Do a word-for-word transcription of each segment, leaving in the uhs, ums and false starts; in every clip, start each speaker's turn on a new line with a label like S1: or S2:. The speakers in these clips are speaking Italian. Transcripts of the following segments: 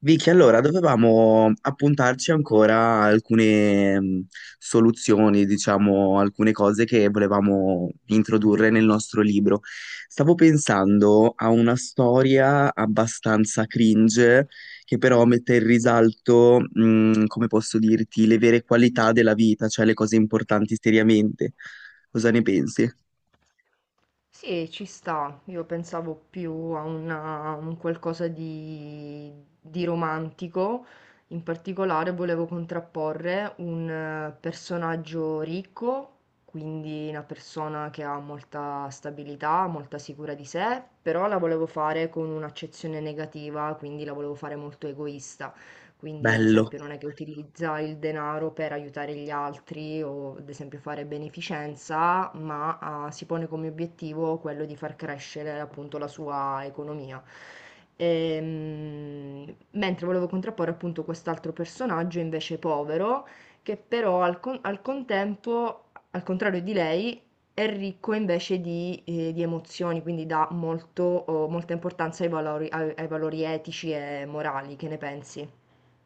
S1: Vicky, allora dovevamo appuntarci ancora a alcune mh, soluzioni, diciamo, alcune cose che volevamo introdurre nel nostro libro. Stavo pensando a una storia abbastanza cringe che però mette in risalto, mh, come posso dirti, le vere qualità della vita, cioè le cose importanti seriamente. Cosa ne pensi?
S2: Sì, ci sta. Io pensavo più a una- un qualcosa di, di romantico. In particolare volevo contrapporre un eh, personaggio ricco, quindi una persona che ha molta stabilità, molta sicura di sé, però la volevo fare con un'accezione negativa, quindi la volevo fare molto egoista, quindi ad
S1: Bello.
S2: esempio non è che utilizza il denaro per aiutare gli altri o ad esempio fare beneficenza, ma ah, si pone come obiettivo quello di far crescere appunto la sua economia. Ehm, mentre volevo contrapporre appunto quest'altro personaggio invece povero, che però al, con- al contempo, al contrario di lei, è ricco invece di, eh, di emozioni, quindi dà molto, oh, molta importanza ai valori, ai ai valori etici e morali. Che ne pensi?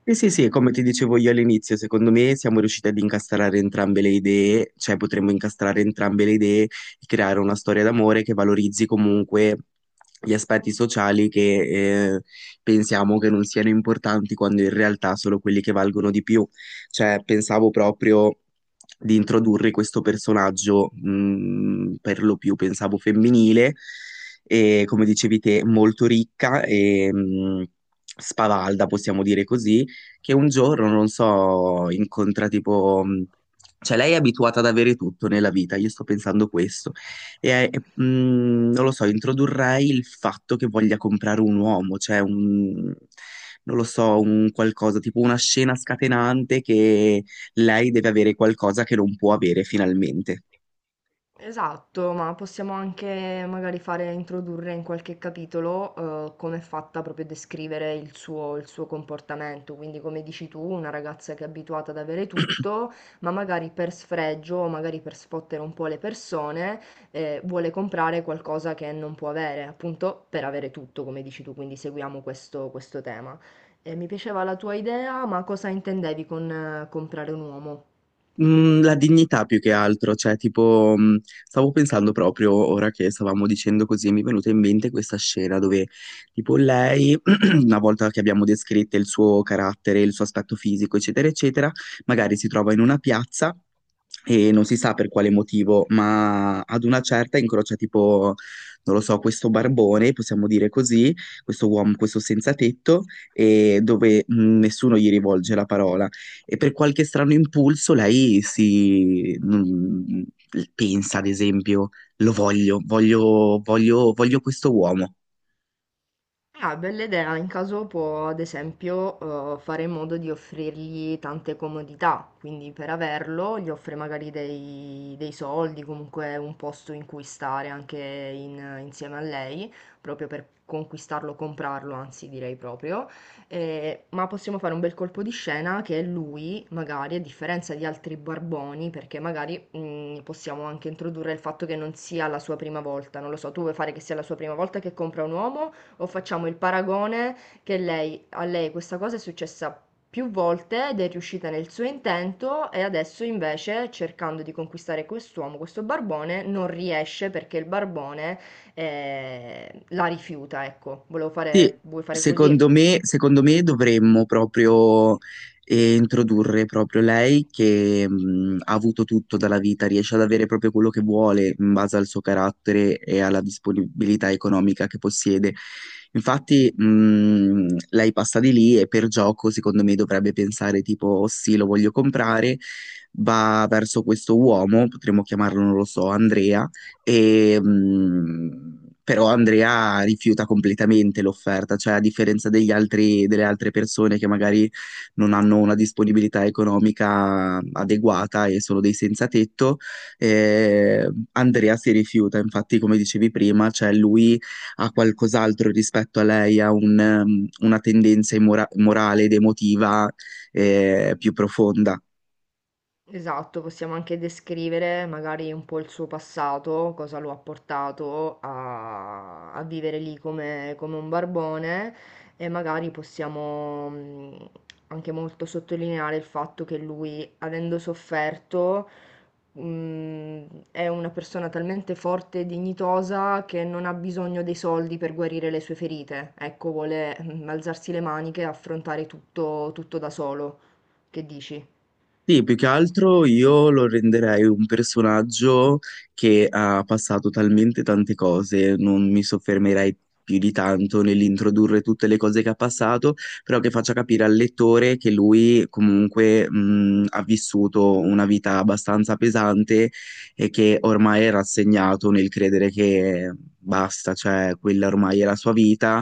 S1: Sì, sì, sì, come ti dicevo io all'inizio, secondo me siamo riusciti ad incastrare entrambe le idee, cioè potremmo incastrare entrambe le idee e creare una storia d'amore che valorizzi comunque gli aspetti sociali che eh, pensiamo che non siano importanti quando in realtà sono quelli che valgono di più. Cioè, pensavo proprio di introdurre questo personaggio, mh, per lo più pensavo femminile, e come dicevi te, molto ricca e mh, spavalda, possiamo dire così che un giorno, non so, incontra tipo... mh, cioè, lei è abituata ad avere tutto nella vita, io sto pensando questo. E, e, mh, non lo so, introdurrei il fatto che voglia comprare un uomo, cioè un... Non lo so, un qualcosa, tipo una scena scatenante che lei deve avere qualcosa che non può avere finalmente.
S2: Esatto, ma possiamo anche magari fare introdurre in qualche capitolo eh, come è fatta, proprio a descrivere il suo, il suo comportamento. Quindi, come dici tu, una ragazza che è abituata ad avere tutto, ma magari per sfregio o magari per sfottere un po' le persone, eh, vuole comprare qualcosa che non può avere, appunto per avere tutto, come dici tu. Quindi seguiamo questo, questo tema. Eh, mi piaceva la tua idea, ma cosa intendevi con eh, comprare un uomo?
S1: Mm, la dignità più che altro, cioè tipo, mm, stavo pensando proprio ora che stavamo dicendo così, mi è venuta in mente questa scena dove tipo lei, una volta che abbiamo descritto il suo carattere, il suo aspetto fisico, eccetera, eccetera, magari si trova in una piazza e non si sa per quale motivo, ma ad una certa incrocia tipo, non lo so, questo barbone, possiamo dire così, questo uomo, questo senza tetto, e dove mm, nessuno gli rivolge la parola e per qualche strano impulso lei si mm, pensa, ad esempio, lo voglio, voglio, voglio, voglio questo uomo.
S2: Ah, bella idea, in caso può ad esempio eh, fare in modo di offrirgli tante comodità, quindi per averlo gli offre magari dei, dei soldi, comunque un posto in cui stare anche in- insieme a lei, proprio per conquistarlo, comprarlo, anzi direi proprio. Eh, ma possiamo fare un bel colpo di scena che lui magari, a differenza di altri barboni, perché magari mm, possiamo anche introdurre il fatto che non sia la sua prima volta. Non lo so, tu vuoi fare che sia la sua prima volta che compra un uomo? O facciamo il paragone che lei, a lei questa cosa è successa più volte ed è riuscita nel suo intento, e adesso invece, cercando di conquistare quest'uomo, questo barbone, non riesce perché il barbone eh, la rifiuta, ecco. Volevo
S1: Sì,
S2: fare, vuoi fare
S1: secondo
S2: così?
S1: me, secondo me dovremmo proprio eh, introdurre proprio lei che mh, ha avuto tutto dalla vita, riesce ad avere proprio quello che vuole in base al suo carattere e alla disponibilità economica che possiede. Infatti, mh, lei passa di lì e per gioco, secondo me, dovrebbe pensare tipo, "Oh, sì, lo voglio comprare", va verso questo uomo, potremmo chiamarlo, non lo so, Andrea e, mh, però Andrea rifiuta completamente l'offerta, cioè a differenza degli altri- delle altre persone che magari non hanno una disponibilità economica adeguata e sono dei senza tetto, eh, Andrea si rifiuta, infatti come dicevi prima, cioè lui ha qualcos'altro rispetto a lei, ha un, um, una tendenza immora- morale ed emotiva, eh, più profonda.
S2: Esatto, possiamo anche descrivere magari un po' il suo passato, cosa lo ha portato a, a vivere lì come, come un barbone, e magari possiamo mh, anche molto sottolineare il fatto che lui, avendo sofferto, mh, è una persona talmente forte e dignitosa che non ha bisogno dei soldi per guarire le sue ferite. Ecco, vuole mh, alzarsi le maniche e affrontare tutto tutto da solo. Che dici?
S1: Sì, più che altro io lo renderei un personaggio che ha passato talmente tante cose, non mi soffermerei più di tanto nell'introdurre tutte le cose che ha passato, però che faccia capire al lettore che lui comunque mh, ha vissuto una vita abbastanza pesante e che ormai è rassegnato nel credere che basta, cioè quella ormai è la sua vita,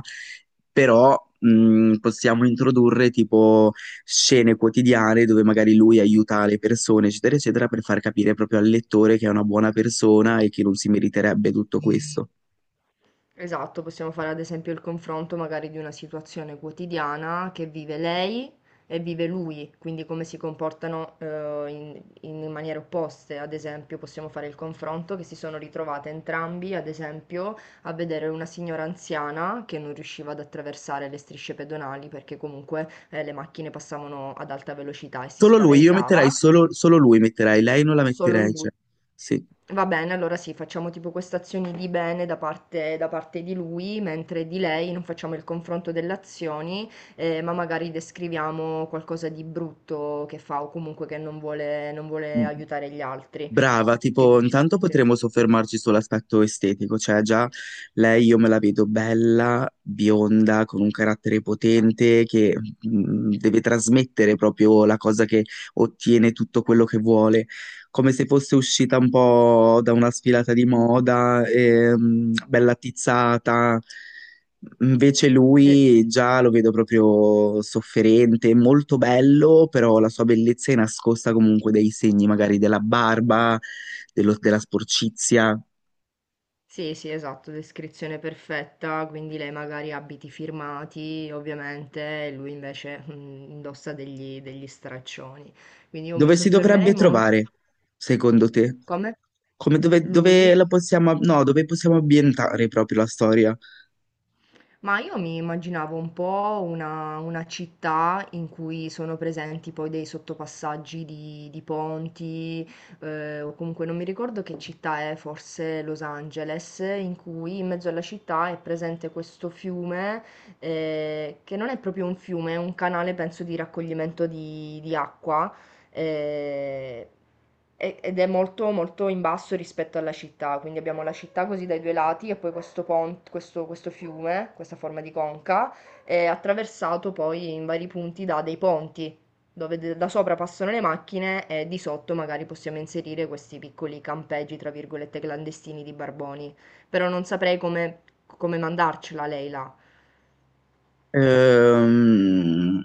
S1: però mh, possiamo introdurre tipo scene quotidiane dove magari lui aiuta le persone, eccetera, eccetera, per far capire proprio al lettore che è una buona persona e che non si meriterebbe tutto questo.
S2: Esatto, possiamo fare ad esempio il confronto magari di una situazione quotidiana che vive lei e vive lui, quindi come si comportano eh, in, in maniere opposte. Ad esempio, possiamo fare il confronto che si sono ritrovate entrambi, ad esempio, a vedere una signora anziana che non riusciva ad attraversare le strisce pedonali perché comunque eh, le macchine passavano ad alta velocità e si
S1: Solo lui, io metterei
S2: spaventava,
S1: solo, solo lui, metterei, lei non la
S2: solo
S1: metterei, cioè,
S2: lui.
S1: sì.
S2: Va bene, allora sì, facciamo tipo queste azioni di bene da parte, da parte di lui, mentre di lei non facciamo il confronto delle azioni, eh, ma magari descriviamo qualcosa di brutto che fa o comunque che non vuole, non vuole aiutare gli altri.
S1: Brava,
S2: Che
S1: tipo,
S2: dici?
S1: intanto
S2: Sì.
S1: potremmo soffermarci sull'aspetto estetico, cioè già lei io me la vedo bella, bionda, con un carattere potente che mh, deve trasmettere proprio la cosa che ottiene tutto quello che vuole, come se fosse uscita un po' da una sfilata di moda, ehm, bella tizzata. Invece
S2: Eh,
S1: lui già lo vedo proprio sofferente, molto bello, però la sua bellezza è nascosta comunque dai segni magari della barba, dello- della sporcizia.
S2: Sì, sì, esatto, descrizione perfetta, quindi lei magari ha abiti firmati, ovviamente, e lui invece mm, indossa degli, degli straccioni. Quindi io mi
S1: Dove si dovrebbe
S2: soffermerei molto...
S1: trovare, secondo te?
S2: Come?
S1: Come dove,
S2: Lui?
S1: dove la possiamo, no, dove possiamo ambientare proprio la storia?
S2: Ma io mi immaginavo un po' una, una città in cui sono presenti poi dei sottopassaggi di, di ponti, eh, o comunque non mi ricordo che città è, forse Los Angeles, in cui in mezzo alla città è presente questo fiume, eh, che non è proprio un fiume, è un canale, penso, di raccoglimento di, di acqua. eh, e- Ed è molto, molto in basso rispetto alla città, quindi abbiamo la città così dai due lati, e poi questo ponte, questo, questo fiume, questa forma di conca, è attraversato poi in vari punti da dei ponti, dove de- da sopra passano le macchine e di sotto magari possiamo inserire questi piccoli campeggi, tra virgolette, clandestini di barboni. Però non saprei come, come mandarcela lei là.
S1: Ehm,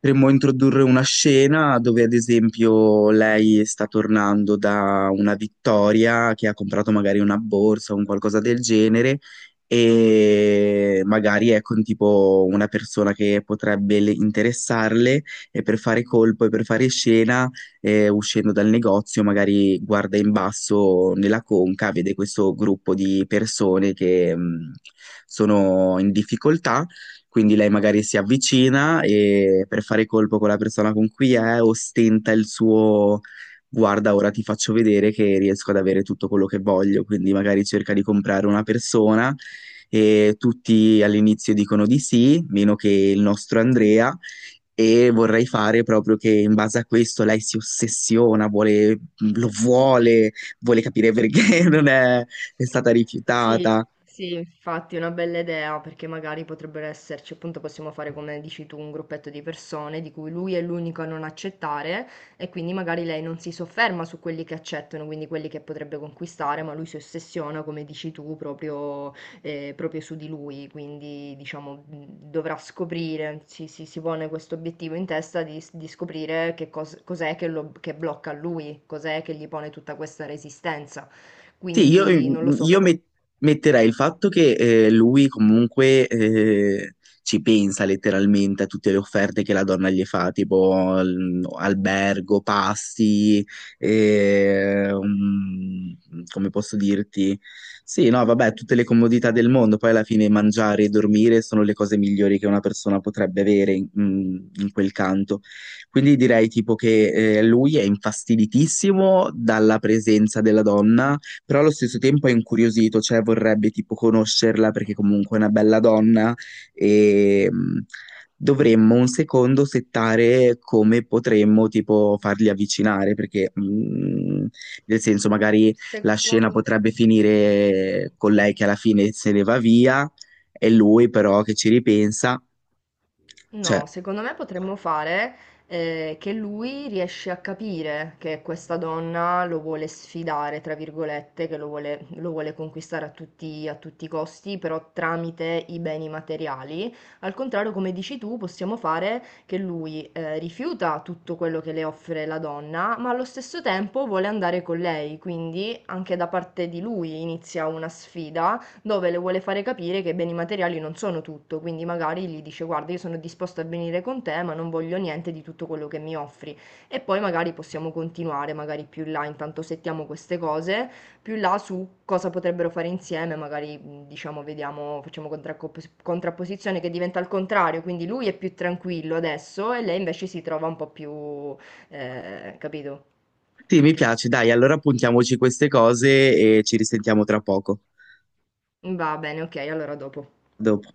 S1: Potremmo introdurre una scena dove, ad esempio, lei sta tornando da una vittoria che ha comprato magari una borsa o un qualcosa del genere e magari è con tipo una persona che potrebbe le- interessarle e per fare colpo e per fare scena, eh, uscendo dal negozio, magari guarda in basso nella conca, vede questo gruppo di persone che mh, sono in difficoltà, quindi lei magari si avvicina e per fare colpo con la persona con cui è, ostenta il suo guarda, ora ti faccio vedere che riesco ad avere tutto quello che voglio. Quindi magari cerca di comprare una persona e tutti all'inizio dicono di sì, meno che il nostro Andrea. E vorrei fare proprio che in base a questo lei si ossessiona, vuole, lo vuole, vuole capire perché non è, è stata
S2: Sì,
S1: rifiutata.
S2: sì, infatti è una bella idea, perché magari potrebbero esserci, appunto possiamo fare come dici tu, un gruppetto di persone di cui lui è l'unico a non accettare, e quindi magari lei non si sofferma su quelli che accettano, quindi quelli che potrebbe conquistare, ma lui si ossessiona, come dici tu, proprio, eh, proprio su di lui. Quindi diciamo mh, dovrà scoprire, si, si, si pone questo obiettivo in testa di, di scoprire che cos- cos'è che, lo, che blocca lui, cos'è che gli pone tutta questa resistenza.
S1: Sì, io,
S2: Quindi non lo so
S1: io
S2: come...
S1: met- metterei il fatto che eh, lui comunque eh, ci pensa letteralmente a tutte le offerte che la donna gli fa, tipo al- albergo, pasti, eh, um, come posso dirti? Sì, no, vabbè, tutte le
S2: s-
S1: comodità del mondo, poi alla fine mangiare e
S2: s-
S1: dormire sono le cose migliori che una persona potrebbe avere in, mm, in quel canto. Quindi direi tipo che eh, lui è infastiditissimo dalla presenza della donna, però allo stesso tempo è incuriosito, cioè vorrebbe tipo conoscerla perché comunque è una bella donna e mh, dovremmo un secondo settare come potremmo tipo farli avvicinare perché mh, nel senso magari la scena
S2: Secondo...
S1: potrebbe finire con lei che alla fine se ne va via e lui però che ci ripensa. Cioè,
S2: No, secondo me potremmo fare eh, che lui riesce a capire che questa donna lo vuole sfidare, tra virgolette, che lo vuole, lo vuole conquistare a tutti, a tutti i costi, però tramite i beni materiali. Al contrario, come dici tu, possiamo fare che lui eh, rifiuta tutto quello che le offre la donna, ma allo stesso tempo vuole andare con lei, quindi anche da parte di lui inizia una sfida dove le vuole fare capire che i beni materiali non sono tutto, quindi magari gli dice guarda, io sono disposto a venire con te, ma non voglio niente di tutto quello che mi offri. E poi magari possiamo continuare, magari più in là, intanto settiamo queste cose, più in là su cosa potrebbero fare insieme, magari mh, diciamo, vediamo, facciamo contraccop- contrapposizione che diventa al contrario, quindi lui è più tranquillo adesso e lei invece si trova un po' più, eh, capito?
S1: sì, mi
S2: Che-
S1: piace, dai, allora puntiamoci queste cose e ci risentiamo tra poco.
S2: Va bene, ok, allora dopo.
S1: A dopo.